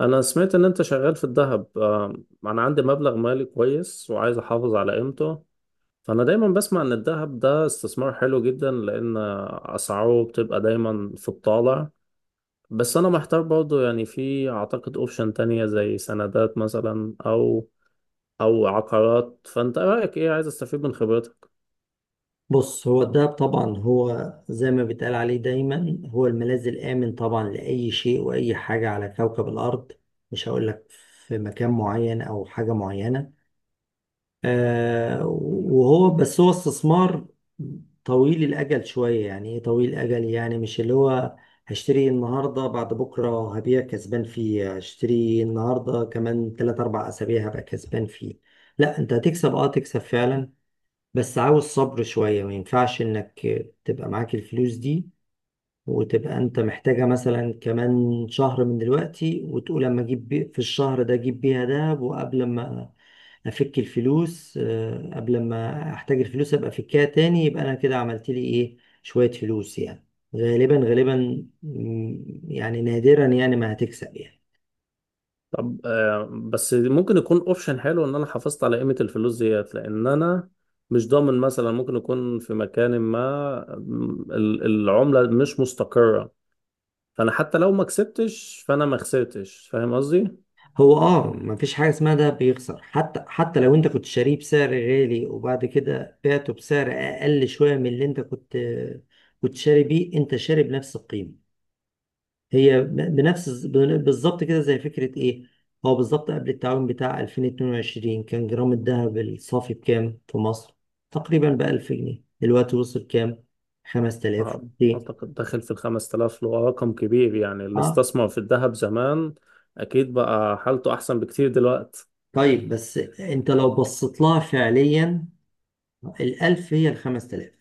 انا سمعت ان انت شغال في الذهب. انا عندي مبلغ مالي كويس وعايز احافظ على قيمته. فانا دايما بسمع ان الذهب ده استثمار حلو جدا لان اسعاره بتبقى دايما في الطالع. بس انا محتار برضو، يعني في اعتقد اوبشن تانية زي سندات مثلا او عقارات. فانت رايك ايه؟ عايز استفيد من خبرتك. بص، هو الدهب طبعا هو زي ما بيتقال عليه دايما، هو الملاذ الآمن طبعا لأي شيء وأي حاجة على كوكب الأرض. مش هقول لك في مكان معين أو حاجة معينة. وهو بس هو استثمار طويل الأجل شوية. يعني إيه طويل الأجل؟ يعني مش اللي هو هشتري النهاردة بعد بكرة هبيع كسبان فيه، هشتري النهاردة كمان تلات أربع أسابيع هبقى كسبان فيه. لا، أنت هتكسب، تكسب فعلا. بس عاوز صبر شوية، ما ينفعش انك تبقى معاك الفلوس دي وتبقى انت محتاجة مثلا كمان شهر من دلوقتي، وتقول اما اجيب في الشهر ده اجيب بيها دهب، وقبل ما افك الفلوس، قبل ما احتاج الفلوس ابقى افكها تاني، يبقى انا كده عملت لي ايه؟ شوية فلوس يعني. غالبا غالبا، يعني نادرا يعني ما هتكسب يعني. طب بس ممكن يكون اوبشن حلو ان انا حافظت على قيمة الفلوس ديت، لان انا مش ضامن. مثلا ممكن يكون في مكان ما العملة مش مستقرة، فانا حتى لو ما كسبتش فانا ما خسرتش. فاهم قصدي؟ هو مفيش حاجه اسمها ده بيخسر. حتى لو انت كنت شاريه بسعر غالي وبعد كده بعته بسعر اقل شويه من اللي انت كنت شاري بيه، انت شاري بنفس القيمه. هي بنفس، بالظبط كده، زي فكره ايه. هو بالظبط قبل التعويم بتاع 2022 كان جرام الذهب الصافي بكام في مصر؟ تقريبا ب 1000 جنيه. دلوقتي وصل كام؟ أع- 5200. اعتقد داخل في الخمس تلاف، اللي هو رقم كبير. يعني اللي اه، استثمر في الذهب زمان اكيد بقى حالته احسن بكتير دلوقتي. طيب، بس انت لو بصيت لها فعليا، الألف هي الخمس تلاف،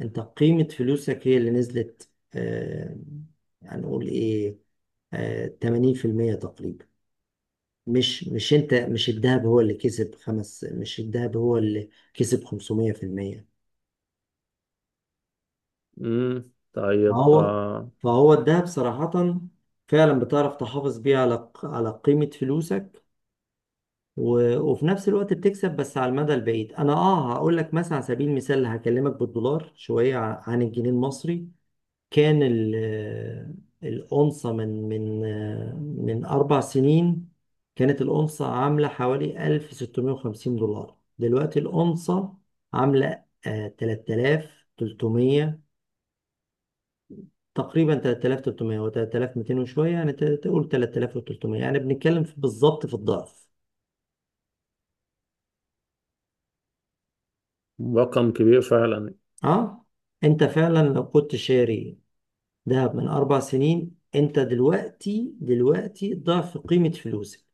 انت قيمة فلوسك هي اللي نزلت، آه، هنقول ايه، 80% تقريبا. مش انت، مش الذهب هو اللي كسب خمس مش الذهب هو اللي كسب 500%. طيب. فهو فهو الذهب صراحة فعلا بتعرف تحافظ بيه على قيمة فلوسك. وفي نفس الوقت بتكسب، بس على المدى البعيد. انا هقول لك مثلا، على سبيل المثال هكلمك بالدولار شوية عن الجنيه المصري. كان الأنثى من 4 سنين كانت الأنثى عاملة حوالي 1650 دولار. دلوقتي الأنثى عاملة 3300 تقريبا، 3300 و 3200 وشوية يعني، تقول 3300 يعني، بنتكلم بالظبط في الضعف. رقم كبير فعلا. اه. انت فعلا لو كنت شاري دهب من 4 سنين انت دلوقتي ضعف قيمة فلوسك.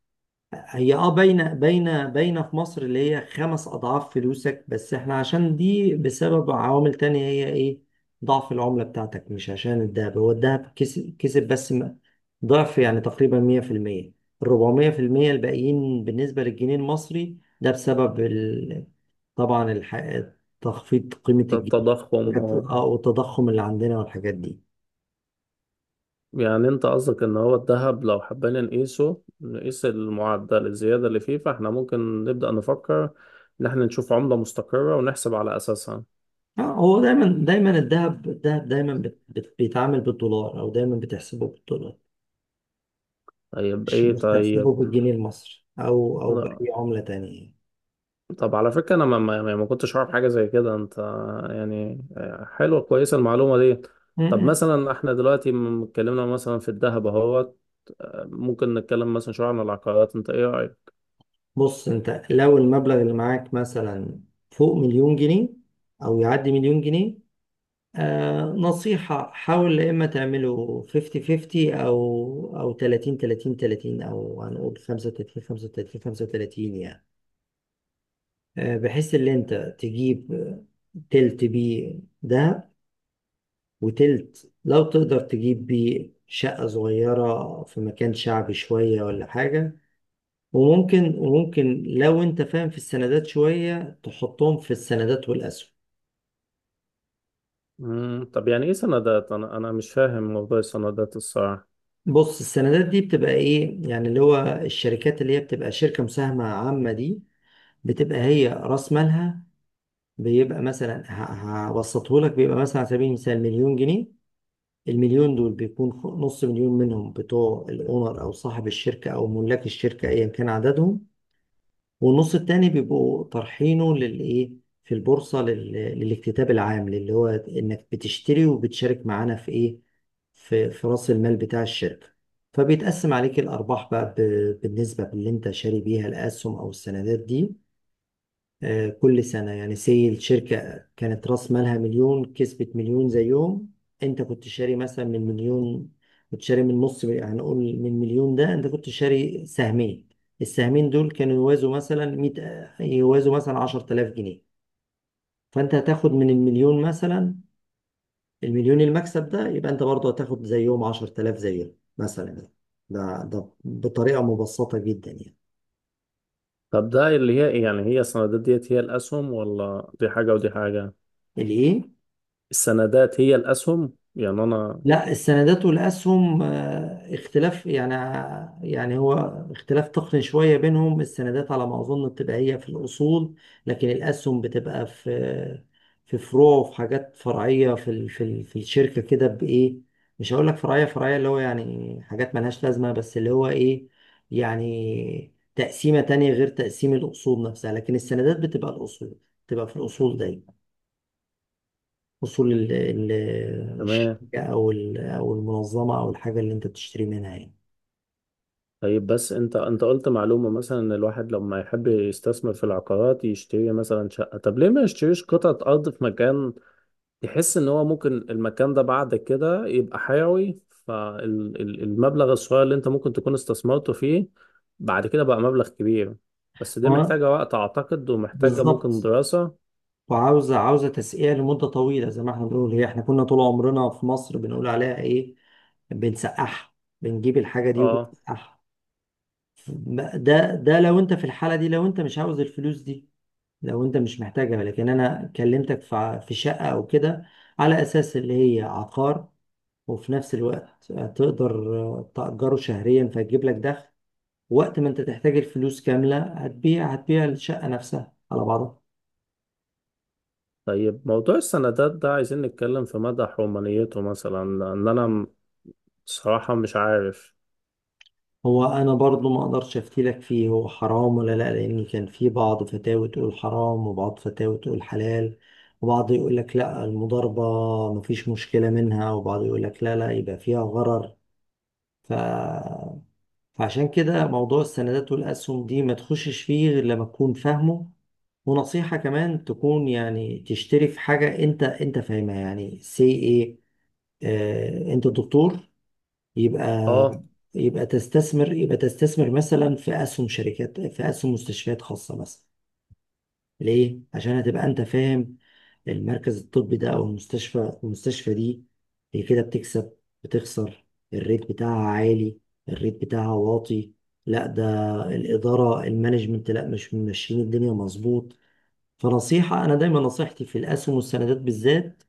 هي باينه باينه باينه في مصر اللي هي خمس اضعاف فلوسك، بس احنا عشان دي بسبب عوامل تانية. هي ايه؟ ضعف العمله بتاعتك، مش عشان الدهب، هو الدهب كسب كسب، بس ضعف يعني تقريبا 100%. ال 400% الباقيين بالنسبه للجنيه المصري ده بسبب طبعا تخفيض قيمه الجنيه. التضخم، اه. اه، والتضخم اللي عندنا والحاجات دي. يعني انت قصدك ان هو الذهب لو حبينا نقيسه نقيس المعدل الزيادة اللي فيه، فاحنا ممكن نبدأ نفكر ان احنا نشوف عملة مستقرة ونحسب على اساسها. اه، هو دايما دايما الذهب الذهب دايما بيتعامل بالدولار، او دايما بتحسبه بالدولار، طيب، مش ايه؟ طيب. بتحسبه بالجنيه المصري او باي عملة تانية يعني. طب على فكرة انا ما, ما, يعني ما كنتش اعرف حاجة زي كده. انت يعني حلوة كويسة المعلومة دي. طب مم. مثلا احنا دلوقتي اتكلمنا مثلا في الذهب اهوت، ممكن نتكلم مثلا شوية عن العقارات. انت ايه رأيك؟ بص انت لو المبلغ اللي معاك مثلا فوق مليون جنيه، او يعدي مليون جنيه، نصيحة: حاول يا اما تعمله 50 50، او 30 30 30، او هنقول 35 35 35 يعني، بحيث ان انت تجيب تلت بيه دهب، وتلت لو تقدر تجيب بيه شقة صغيرة في مكان شعبي شوية ولا حاجة، وممكن لو انت فاهم في السندات شوية تحطهم في السندات والأسهم. طب يعني ايه سندات؟ انا مش فاهم موضوع السندات الصراحة. بص، السندات دي بتبقى ايه يعني؟ اللي هو الشركات اللي هي بتبقى شركة مساهمة عامة دي، بتبقى هي رأس مالها بيبقى مثلا، هبسطه لك، بيبقى مثلا على سبيل المثال مليون جنيه. المليون دول بيكون نص مليون منهم بتوع الأونر أو صاحب الشركة أو ملاك الشركة أيا كان عددهم، والنص التاني بيبقوا طرحينه للايه، في البورصة للاكتتاب العام، اللي هو انك بتشتري وبتشارك معانا في ايه، في رأس المال بتاع الشركة. فبيتقسم عليك الأرباح بقى بالنسبة باللي انت شاري بيها الأسهم أو السندات دي كل سنة يعني. سي الشركة كانت رأس مالها مليون، كسبت مليون زيهم، انت كنت شاري مثلا من مليون، كنت شاري من نص، هنقول من مليون ده انت كنت شاري سهمين، السهمين دول كانوا يوازوا مثلا 100، يوازوا مثلا 10000 جنيه. فانت هتاخد من المليون مثلا، المليون المكسب ده، يبقى انت برضه هتاخد زيهم 10000 زيهم مثلا. ده بطريقة مبسطة جدا يعني. طب ده اللي هي إيه؟ يعني هي السندات ديت هي الأسهم، ولا دي حاجة ودي حاجة؟ الايه؟ السندات هي الأسهم يعني أنا… لا، السندات والاسهم اختلاف يعني. يعني هو اختلاف تقني شويه بينهم. السندات على ما اظن بتبقى هي في الاصول، لكن الاسهم بتبقى في فروع وفي حاجات فرعيه في الشركه كده. بايه؟ مش هقول لك فرعيه فرعيه، اللي هو يعني حاجات ملهاش لازمه، بس اللي هو ايه، يعني تقسيمه تانية غير تقسيم الاصول نفسها، لكن السندات بتبقى الاصول، بتبقى في الاصول دايما. اصول تمام. الشركه او او المنظمه او الحاجه اللي انت بتشتري منها يعني. طيب، بس أنت قلت معلومة مثلا إن الواحد لما يحب يستثمر في العقارات يشتري مثلا شقة. طب ليه ما يشتريش قطعة أرض في مكان يحس إن هو ممكن المكان ده بعد كده يبقى حيوي، فالمبلغ الصغير اللي أنت ممكن تكون استثمرته فيه بعد كده بقى مبلغ كبير؟ بس دي هو محتاجة وقت أعتقد، ومحتاجة ممكن بالظبط. دراسة. وعاوزه تسقية لمده طويله، زي ما احنا بنقول، هي احنا كنا طول عمرنا في مصر بنقول عليها ايه؟ بنسقعها. بنجيب الحاجه دي اه. وبنسقعها. ده لو انت في الحاله دي، لو انت مش عاوز الفلوس دي، لو انت مش محتاجها، لكن انا كلمتك في في شقه او كده، على اساس اللي هي عقار، وفي نفس الوقت تقدر تأجره شهريا فيجيب لك دخل، وقت ما انت تحتاج الفلوس كاملة هتبيع الشقة نفسها على بعضها. طيب، موضوع السندات ده عايزين نتكلم في مدى حرمانيته مثلا، لأن أنا صراحة مش عارف. هو انا برضو ما اقدرش افتي لك فيه، هو حرام ولا لا؟ لان كان في بعض فتاوى تقول حرام وبعض فتاوى تقول حلال، وبعض يقول لك لا المضاربة مفيش مشكلة منها، وبعض يقول لك لا، لا يبقى فيها غرر. ف... فعشان كده موضوع السندات والاسهم دي ما تخشش فيه غير لما تكون فاهمه. ونصيحة كمان تكون يعني تشتري في حاجة انت فاهمها. يعني سي ايه، انت دكتور، يبقى آه، يبقى تستثمر مثلا في اسهم شركات، في اسهم مستشفيات خاصه مثلا. ليه؟ عشان هتبقى انت فاهم. المركز الطبي ده او المستشفى دي هي كده بتكسب، بتخسر. الريت بتاعها عالي، الريت بتاعها واطي. لا، ده الاداره، المانجمنت، لا، مش ماشيين الدنيا مظبوط. فنصيحه انا دايما نصيحتي في الاسهم والسندات بالذات: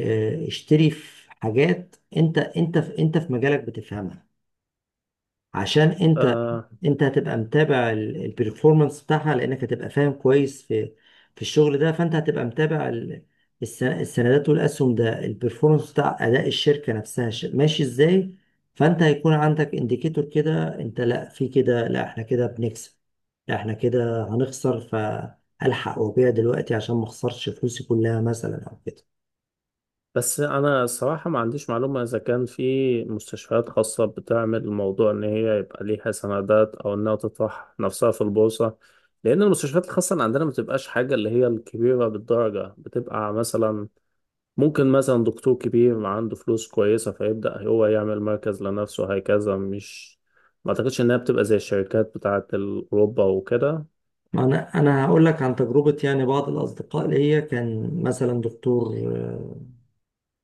اشتري في حاجات انت في مجالك بتفهمها. عشان انت آه. انت هتبقى متابع البرفورمانس بتاعها، لانك هتبقى فاهم كويس في الشغل ده، فانت هتبقى متابع السندات والاسهم، ده البرفورمانس بتاع اداء الشركه نفسها ماشي ازاي. فانت هيكون عندك انديكيتور كده: انت لا، في كده، لا احنا كده بنكسب، لا احنا كده هنخسر، فالحق وابيع دلوقتي عشان ما اخسرش فلوسي كلها مثلا او كده. بس أنا صراحة ما عنديش معلومة إذا كان في مستشفيات خاصة بتعمل الموضوع إن هي يبقى ليها سندات أو إنها تطرح نفسها في البورصة، لأن المستشفيات الخاصة اللي عندنا ما بتبقاش حاجة اللي هي الكبيرة بالدرجة. بتبقى مثلا ممكن مثلا دكتور كبير عنده فلوس كويسة فيبدأ هو يعمل مركز لنفسه، هكذا. مش ما اعتقدش انها بتبقى زي الشركات بتاعة اوروبا وكده. ما انا هقول لك عن تجربه. يعني بعض الاصدقاء ليا كان مثلا دكتور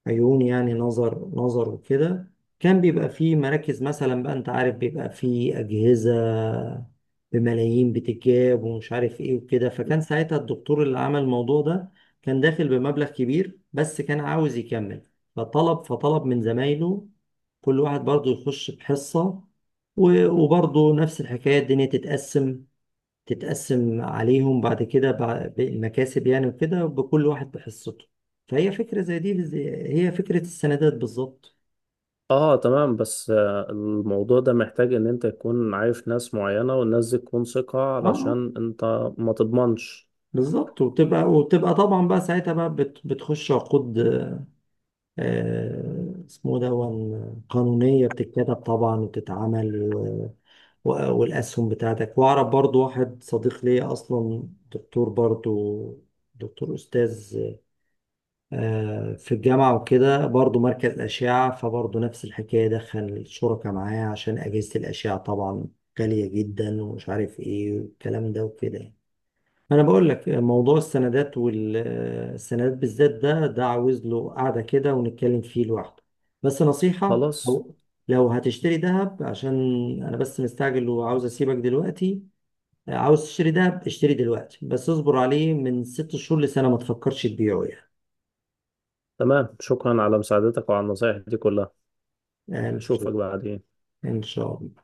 عيون، يعني نظر نظر وكده. كان بيبقى فيه مراكز مثلا بقى، انت عارف بيبقى فيه اجهزه بملايين بتتجاب ومش عارف ايه وكده. فكان ساعتها الدكتور اللي عمل الموضوع ده كان داخل بمبلغ كبير بس كان عاوز يكمل، فطلب من زمايله كل واحد برضه يخش بحصه. وبرضه نفس الحكايه، الدنيا تتقسم عليهم بعد كده، بالمكاسب يعني، وكده، بكل واحد بحصته. فهي فكرة زي دي، هي فكرة السندات بالظبط. اه تمام. بس الموضوع ده محتاج ان انت تكون عارف ناس معينة، والناس دي تكون ثقة اه، آه، علشان انت ما تضمنش. بالظبط. وبتبقى طبعا بقى ساعتها بقى بتخش عقود، آه اسمه ده، قانونية بتتكتب طبعا وبتتعمل، والأسهم بتاعتك. وأعرف برضو واحد صديق ليا أصلا دكتور برضو، دكتور أستاذ في الجامعة وكده، برضو مركز أشعة، فبرضو نفس الحكاية: دخل الشركاء معايا عشان أجهزة الأشعة طبعا غالية جدا ومش عارف إيه والكلام ده وكده يعني. أنا بقول لك، موضوع السندات، والسندات بالذات، ده عاوز له قعدة كده ونتكلم فيه لوحده. بس نصيحة: خلاص، لو هتشتري ذهب عشان، أنا بس مستعجل وعاوز أسيبك دلوقتي، عاوز تشتري ذهب اشتري دلوقتي بس اصبر عليه من 6 شهور لسنة، ما تفكرش تبيعه يعني. تمام. شكرا على مساعدتك وعلى النصايح دي كلها. آه، اشوفك بعدين. ان شاء الله.